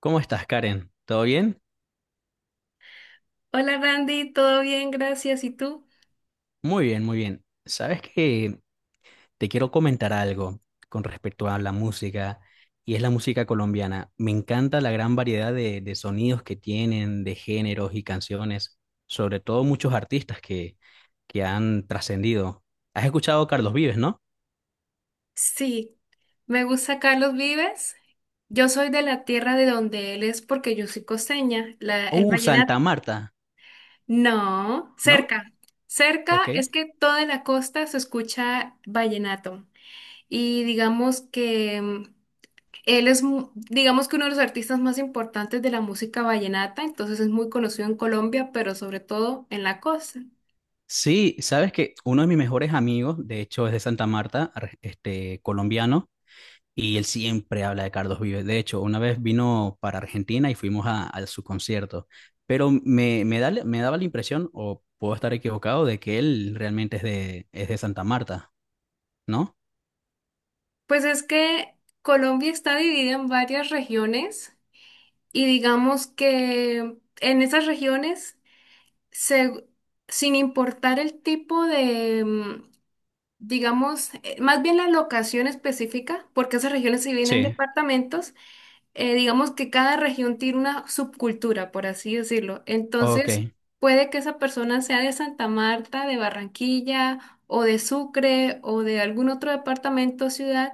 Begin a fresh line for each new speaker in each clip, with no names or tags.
¿Cómo estás, Karen? ¿Todo bien?
Hola Randy, todo bien, gracias. ¿Y tú?
Muy bien, muy bien. Sabes que te quiero comentar algo con respecto a la música, y es la música colombiana. Me encanta la gran variedad de sonidos que tienen, de géneros y canciones, sobre todo muchos artistas que han trascendido. ¿Has escuchado a Carlos Vives, no?
Sí, me gusta Carlos Vives. Yo soy de la tierra de donde él es porque yo soy costeña. El vallenato.
Santa Marta,
No,
¿no?
cerca.
Ok.
Cerca es que toda la costa se escucha vallenato. Y digamos que él es, digamos que uno de los artistas más importantes de la música vallenata, entonces es muy conocido en Colombia, pero sobre todo en la costa.
Sí, sabes que uno de mis mejores amigos, de hecho, es de Santa Marta, colombiano. Y él siempre habla de Carlos Vives. De hecho, una vez vino para Argentina y fuimos a su concierto. Pero me daba la impresión, o puedo estar equivocado, de que él realmente es es de Santa Marta, ¿no?
Pues es que Colombia está dividida en varias regiones. Y digamos que en esas regiones, se- sin importar el tipo de, digamos, más bien la locación específica, porque esas regiones se vienen en
Sí,
departamentos, digamos que cada región tiene una subcultura, por así decirlo.
ok,
Entonces, puede que esa persona sea de Santa Marta, de Barranquilla, o de Sucre, o de algún otro departamento o ciudad.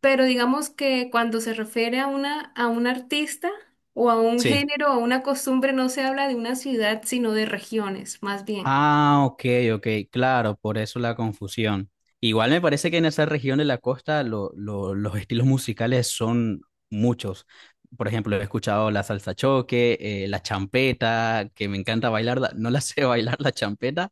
Pero digamos que cuando se refiere a una, a un artista o a un
sí.
género o a una costumbre, no se habla de una ciudad, sino de regiones, más bien.
Ah, ok, ok, claro, por eso la confusión. Igual me parece que en esa región de la costa los estilos musicales son muchos. Por ejemplo, he escuchado la salsa choque, la champeta, que me encanta bailarla. No la sé bailar la champeta,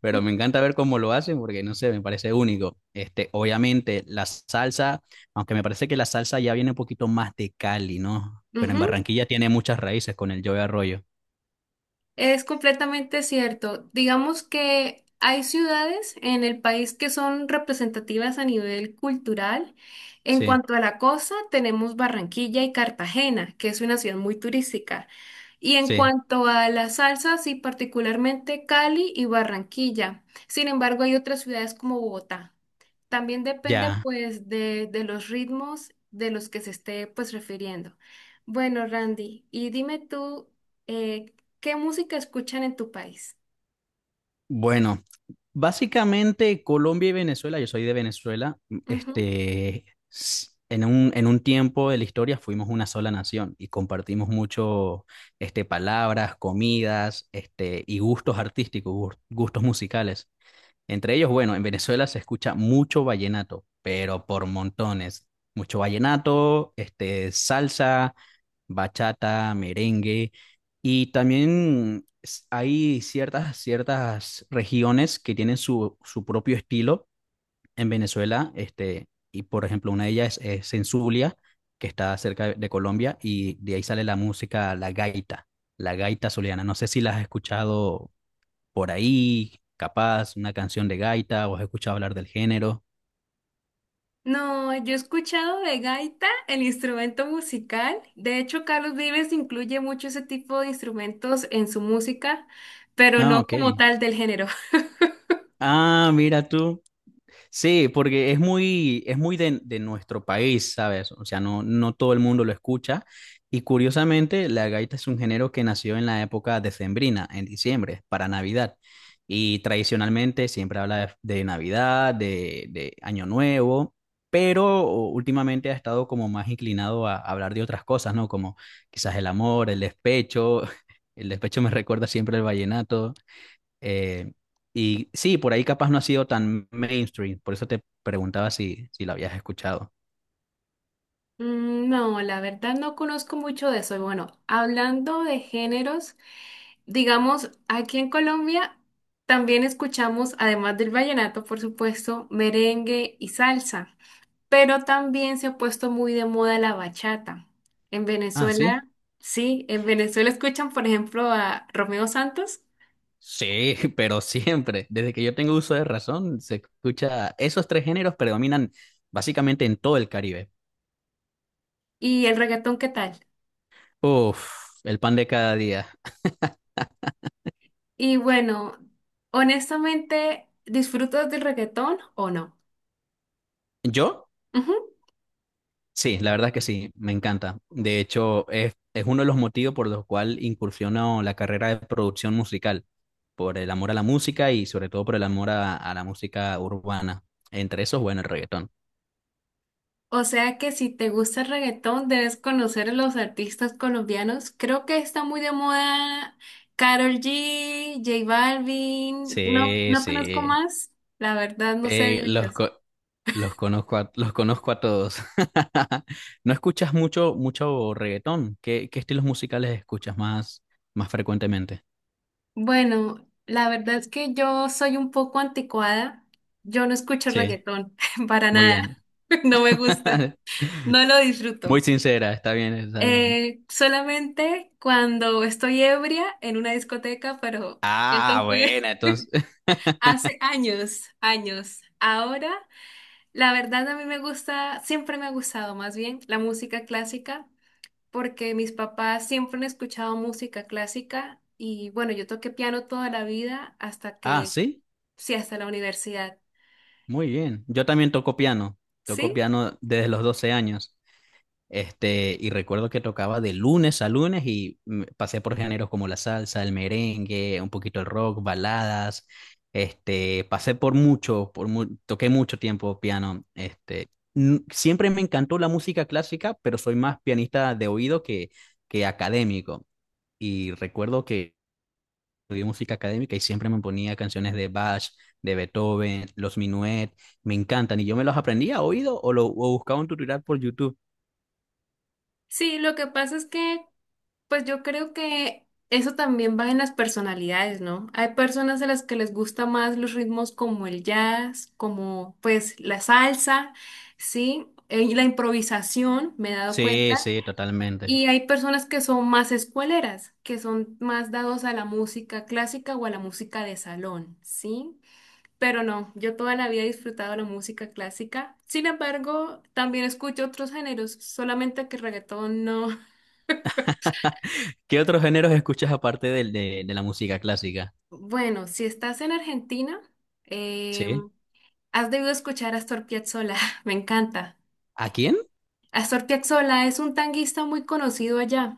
pero
¿Mm?
me encanta ver cómo lo hacen porque no sé, me parece único. Obviamente la salsa, aunque me parece que la salsa ya viene un poquito más de Cali, ¿no? Pero en
Ujú.
Barranquilla tiene muchas raíces con el Joe Arroyo.
Es completamente cierto. Digamos que hay ciudades en el país que son representativas a nivel cultural. En
Sí,
cuanto a la costa, tenemos Barranquilla y Cartagena, que es una ciudad muy turística. Y en
sí,
cuanto a las salsas, sí, particularmente Cali y Barranquilla. Sin embargo, hay otras ciudades como Bogotá. También depende
ya.
pues de los ritmos de los que se esté pues refiriendo. Bueno, Randy, y dime tú, eh, ¿qué música escuchan en tu país?
Bueno. Básicamente, Colombia y Venezuela, yo soy de Venezuela,
Ujú.
en un tiempo de la historia fuimos una sola nación y compartimos mucho, palabras, comidas, y gustos artísticos, gustos musicales. Entre ellos, bueno, en Venezuela se escucha mucho vallenato, pero por montones. Mucho vallenato, salsa, bachata, merengue. Y también hay ciertas regiones que tienen su propio estilo en Venezuela. Y por ejemplo, una de ellas es en Zulia, que está cerca de Colombia, y de ahí sale la música, la gaita zuliana. No sé si la has escuchado por ahí, capaz, una canción de gaita, o has escuchado hablar del género.
No, yo he escuchado de gaita, el instrumento musical. De hecho, Carlos Vives incluye mucho ese tipo de instrumentos en su música, pero
Ah,
no
ok.
como tal del género.
Ah, mira tú. Sí, porque es muy de nuestro país, ¿sabes? O sea, no, no todo el mundo lo escucha. Y curiosamente, la gaita es un género que nació en la época decembrina, en diciembre, para Navidad. Y tradicionalmente siempre habla de Navidad, de Año Nuevo, pero últimamente ha estado como más inclinado a hablar de otras cosas, ¿no? Como quizás el amor, el despecho. El despecho me recuerda siempre el vallenato eh, y sí, por ahí capaz no ha sido tan mainstream, por eso te preguntaba si la habías escuchado.
Mm, no, la verdad no conozco mucho de eso. Y bueno, hablando de géneros, digamos, aquí en Colombia también escuchamos, además del vallenato, por supuesto, merengue y salsa. Pero también se ha puesto muy de moda la bachata. En
Ah, sí.
Venezuela, sí, en Venezuela escuchan, por ejemplo, a Romeo Santos
Sí, pero siempre, desde que yo tengo uso de razón, se escucha, esos tres géneros predominan básicamente en todo el Caribe.
y el reggaetón, ¿qué tal?
Uf, el pan de cada día.
Y bueno, honestamente, ¿disfrutas del reggaetón o no?
¿Yo?
Ujú.
Sí, la verdad que sí, me encanta. De hecho, es uno de los motivos por los cuales incursiono la carrera de producción musical, por el amor a la música y sobre todo por el amor a la música urbana. Entre esos, bueno, el reggaetón.
O sea que si te gusta el reggaetón, debes conocer a los artistas colombianos. Creo que está muy de moda Karol G, J Balvin, no,
Sí,
no conozco
sí.
más, la verdad no sé de
Eh, los,
ellos.
co- los conozco los conozco a todos. ¿No escuchas mucho, mucho reggaetón? Qué estilos musicales escuchas más, más frecuentemente?
Bueno, la verdad es que yo soy un poco anticuada. Yo no escucho
Sí,
reggaetón para
muy
nada.
bien.
No me gusta. No lo
Muy
disfruto.
sincera, está bien, está bien.
Solamente cuando estoy ebria en una discoteca, pero eso
Ah,
fue
bueno, entonces.
hace años, años. Ahora, la verdad a mí me gusta, siempre me ha gustado más bien la música clásica, porque mis papás siempre han escuchado música clásica y bueno, yo toqué piano toda la vida hasta
Ah,
que...
sí,
Sí, hasta la universidad.
muy bien. Yo también toco piano. Toco
Sí,
piano desde los 12 años. Y recuerdo que tocaba de lunes a lunes y pasé por géneros como la salsa, el merengue, un poquito el rock, baladas. Pasé por mucho, toqué mucho tiempo piano. Siempre me encantó la música clásica, pero soy más pianista de oído que académico. Y recuerdo que estudié música académica y siempre me ponía canciones de Bach, de Beethoven, los Minuet, me encantan y yo me los aprendía a oído o lo o buscaba un tutorial por YouTube.
sí, lo que pasa es que, pues yo creo que eso también va en las personalidades, ¿no? Hay personas a las que les gusta más los ritmos como el jazz, como pues la salsa, ¿sí? Y la improvisación, me he dado
Sí,
cuenta.
sí, totalmente.
Y hay personas que son más escueleras, que son más dados a la música clásica o a la música de salón, ¿sí? Pero no, yo toda la vida he disfrutado la música clásica. Sin embargo, también escucho otros géneros, solamente que reggaetón no.
¿Qué otros géneros escuchas aparte de la música clásica?
Bueno, si estás en Argentina, eh,
¿Sí?
has debido escuchar a Astor Piazzolla, me encanta.
¿A quién?
Astor Piazzolla es un tanguista muy conocido allá.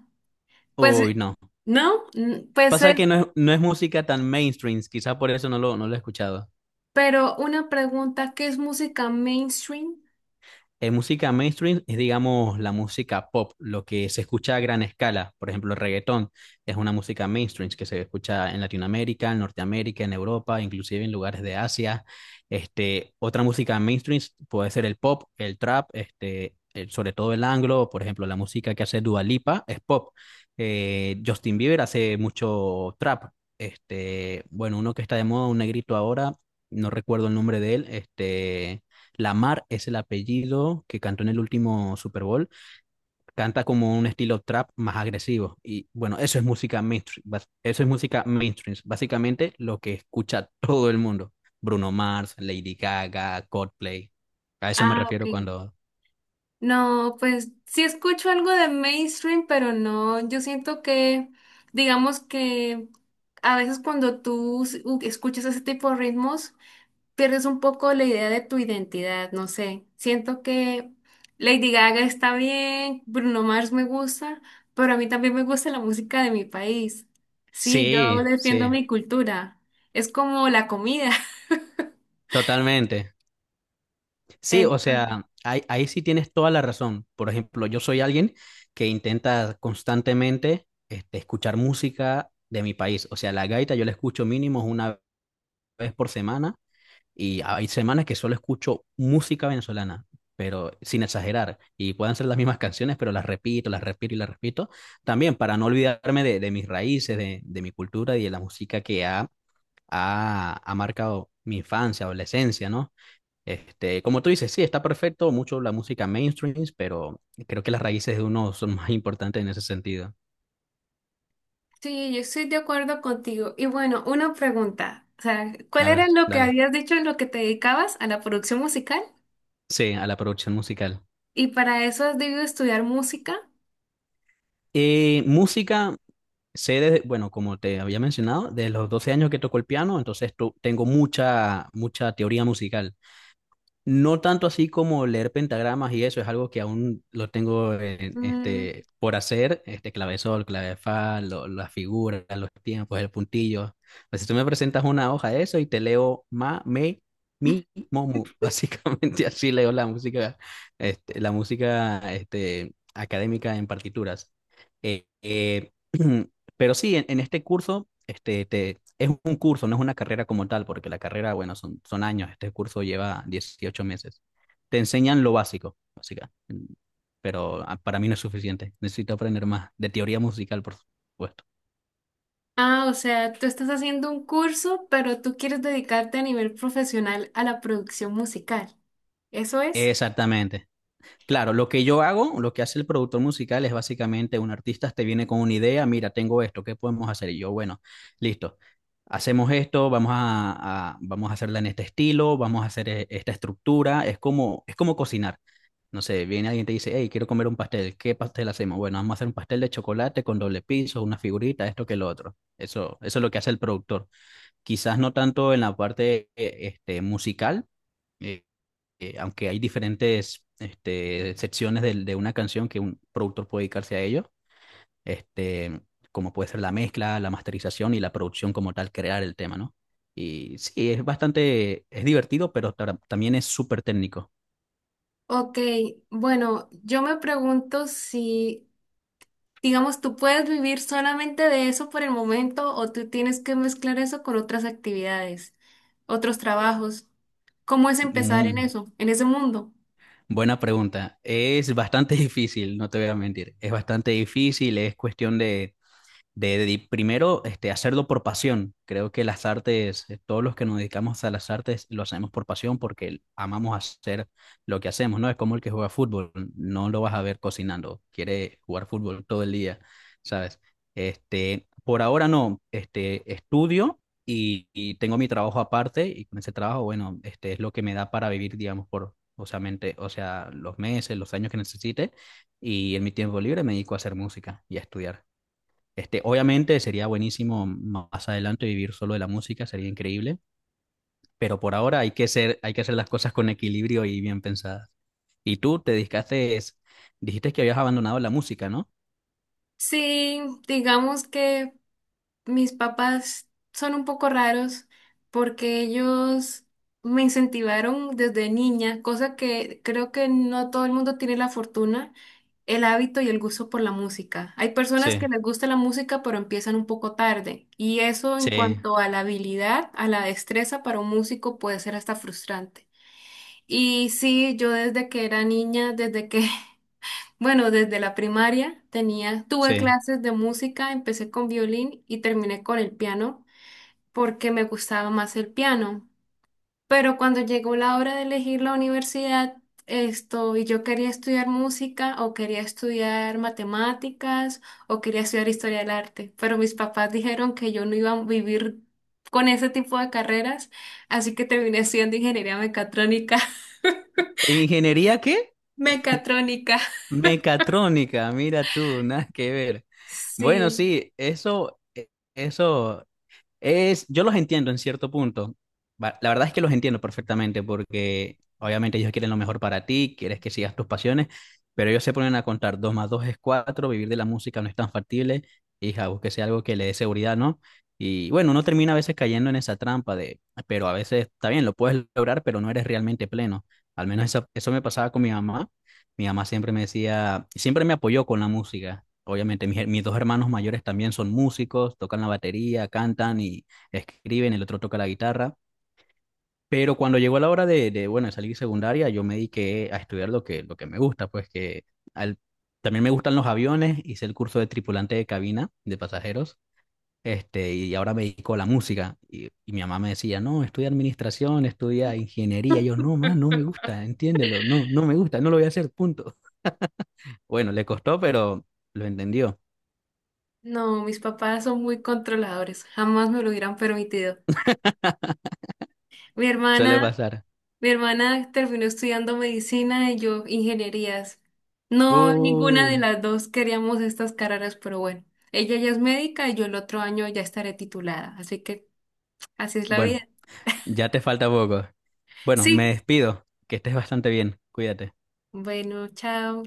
Pues,
Uy, no.
¿no? Mm, pues
Pasa que
él...
no es, no es música tan mainstream. Quizá por eso no lo, no lo he escuchado.
Pero una pregunta, ¿qué es música mainstream?
Música mainstream es, digamos, la música pop, lo que se escucha a gran escala. Por ejemplo, el reggaetón es una música mainstream que se escucha en Latinoamérica, en Norteamérica, en Europa, inclusive en lugares de Asia. Otra música mainstream puede ser el pop, el trap, sobre todo el anglo. Por ejemplo, la música que hace Dua Lipa es pop. Justin Bieber hace mucho trap. Bueno, uno que está de moda, un negrito ahora, no recuerdo el nombre de él. Este Lamar es el apellido que cantó en el último Super Bowl. Canta como un estilo trap más agresivo. Y bueno, eso es música mainstream. Eso es música mainstream. Básicamente lo que escucha todo el mundo. Bruno Mars, Lady Gaga, Coldplay. A eso me
Ah, ok.
refiero cuando...
No, pues sí escucho algo de mainstream, pero no, yo siento que, digamos que a veces cuando escuchas ese tipo de ritmos, pierdes un poco la idea de tu identidad, no sé. Siento que Lady Gaga está bien, Bruno Mars me gusta, pero a mí también me gusta la música de mi país. Sí, yo
Sí,
defiendo
sí,
mi cultura. Es como la comida.
totalmente. Sí, o sea, ahí sí tienes toda la razón. Por ejemplo, yo soy alguien que intenta constantemente escuchar música de mi país. O sea, la gaita yo la escucho mínimo una vez por semana y hay semanas que solo escucho música venezolana, pero sin exagerar. Y pueden ser las mismas canciones, pero las repito y las repito. También para no olvidarme de mis raíces, de mi cultura y de la música que ha marcado mi infancia, adolescencia, ¿no? Como tú dices, sí, está perfecto, mucho la música mainstream, pero creo que las raíces de uno son más importantes en ese sentido.
Sí, yo estoy de acuerdo contigo. Y bueno, una pregunta. O sea, ¿cuál
A
era
ver,
lo que
dale.
habías dicho en lo que te dedicabas a la producción musical?
Sí, a la producción musical.
¿Y para eso has debido estudiar música?
Música sé, desde- bueno, como te había mencionado, de los 12 años que toco el piano, entonces tengo mucha, mucha teoría musical. No tanto así como leer pentagramas y eso, es algo que aún lo tengo
Mm,
por hacer, este clavesol, clave fa, las figuras, los tiempos, el puntillo. Pues si tú me presentas una hoja de eso y te leo ma, me, mi, mo, mu, básicamente así leo la música, la música académica en partituras. Eh, eh, Pero sí, en este curso, es un curso, no es una carrera como tal, porque la carrera, bueno, son años, este curso lleva 18 meses. Te enseñan lo básico, básicamente, pero para mí no es suficiente. Necesito aprender más de teoría musical, por supuesto.
ah, o sea, tú estás haciendo un curso, pero tú quieres dedicarte a nivel profesional a la producción musical. ¿Eso es?
Exactamente, claro, lo que yo hago, lo que hace el productor musical es básicamente un artista te viene con una idea, mira, tengo esto, ¿qué podemos hacer? Y yo, bueno, listo, hacemos esto, vamos a hacerla en este estilo, vamos a hacer esta estructura, es como cocinar. No sé, viene alguien y te dice, hey, quiero comer un pastel, ¿qué pastel hacemos? Bueno, vamos a hacer un pastel de chocolate con doble piso, una figurita, esto que lo otro. Eso es lo que hace el productor. Quizás no tanto en la parte musical, eh, aunque hay diferentes secciones una canción que un productor puede dedicarse a ello, este, como puede ser la mezcla, la masterización y la producción como tal, crear el tema, ¿no? Y sí, es bastante, es divertido, pero también es súper técnico.
Ok, bueno, yo me pregunto si, digamos, tú puedes vivir solamente de eso por el momento o tú tienes que mezclar eso con otras actividades, otros trabajos. ¿Cómo es empezar en
Mm,
eso, en ese mundo?
buena pregunta. Es bastante difícil, no te voy a mentir. Es bastante difícil, es cuestión de primero hacerlo por pasión. Creo que las artes, todos los que nos dedicamos a las artes lo hacemos por pasión porque amamos hacer lo que hacemos, ¿no? Es como el que juega fútbol, no lo vas a ver cocinando, quiere jugar fútbol todo el día, ¿sabes? Por ahora no, estudio y tengo mi trabajo aparte y con ese trabajo, bueno, este es lo que me da para vivir, digamos, por, o sea, mente- o sea, los meses, los años que necesite y en mi tiempo libre me dedico a hacer música y a estudiar. Obviamente sería buenísimo más adelante vivir solo de la música, sería increíble, pero por ahora hay que ser, hay que hacer las cosas con equilibrio y bien pensadas. Y tú te dedicaste, dijiste que habías abandonado la música, ¿no?
Sí, digamos que mis papás son un poco raros porque ellos me incentivaron desde niña, cosa que creo que no todo el mundo tiene la fortuna, el hábito y el gusto por la música. Hay personas que
Sí,
les gusta la música pero empiezan un poco tarde y eso en
sí,
cuanto a la habilidad, a la destreza para un músico puede ser hasta frustrante. Y sí, yo desde que era niña, desde que bueno, desde la primaria tenía, tuve
sí.
clases de música, empecé con violín y terminé con el piano porque me gustaba más el piano. Pero cuando llegó la hora de elegir la universidad, esto, y yo quería estudiar música o quería estudiar matemáticas o quería estudiar historia del arte, pero mis papás dijeron que yo no iba a vivir con ese tipo de carreras, así que terminé estudiando ingeniería mecatrónica.
¿Ingeniería qué?
Mecatrónica.
Mecatrónica, mira tú, nada que ver. Bueno,
Sí.
sí, eso es, yo los entiendo en cierto punto. La verdad es que los entiendo perfectamente porque obviamente ellos quieren lo mejor para ti, quieres que sigas tus pasiones, pero ellos se ponen a contar 2 más 2 es 4, vivir de la música no es tan factible, hija, búsquese algo que le dé seguridad, ¿no? Y bueno, uno termina a veces cayendo en esa trampa de, pero a veces está bien, lo puedes lograr, pero no eres realmente pleno. Al menos eso me pasaba con mi mamá. Mi mamá siempre me decía, siempre me apoyó con la música. Obviamente, mis 2 hermanos mayores también son músicos, tocan la batería, cantan y escriben, el otro toca la guitarra. Pero cuando llegó la hora bueno, de salir secundaria, yo me dediqué a estudiar lo que me gusta, pues que al- también me gustan los aviones, hice el curso de tripulante de cabina de pasajeros, y ahora me dedico a la música. Y mi mamá me decía, no, estudia administración, estudia ingeniería. Yo, no, mamá, no me gusta, entiéndelo, no, no me gusta, no lo voy a hacer, punto. Bueno, le costó, pero lo entendió.
No, mis papás son muy controladores, jamás me lo hubieran permitido. Mi
Suele
hermana
pasar.
Mi hermana terminó estudiando medicina y yo ingenierías. No, ninguna de
Uh,
las dos queríamos estas carreras, pero bueno, ella ya es médica y yo el otro año ya estaré titulada, así que así es la
bueno,
vida.
ya te falta poco. Bueno, me
Sí,
despido. Que estés bastante bien. Cuídate.
bueno, chao.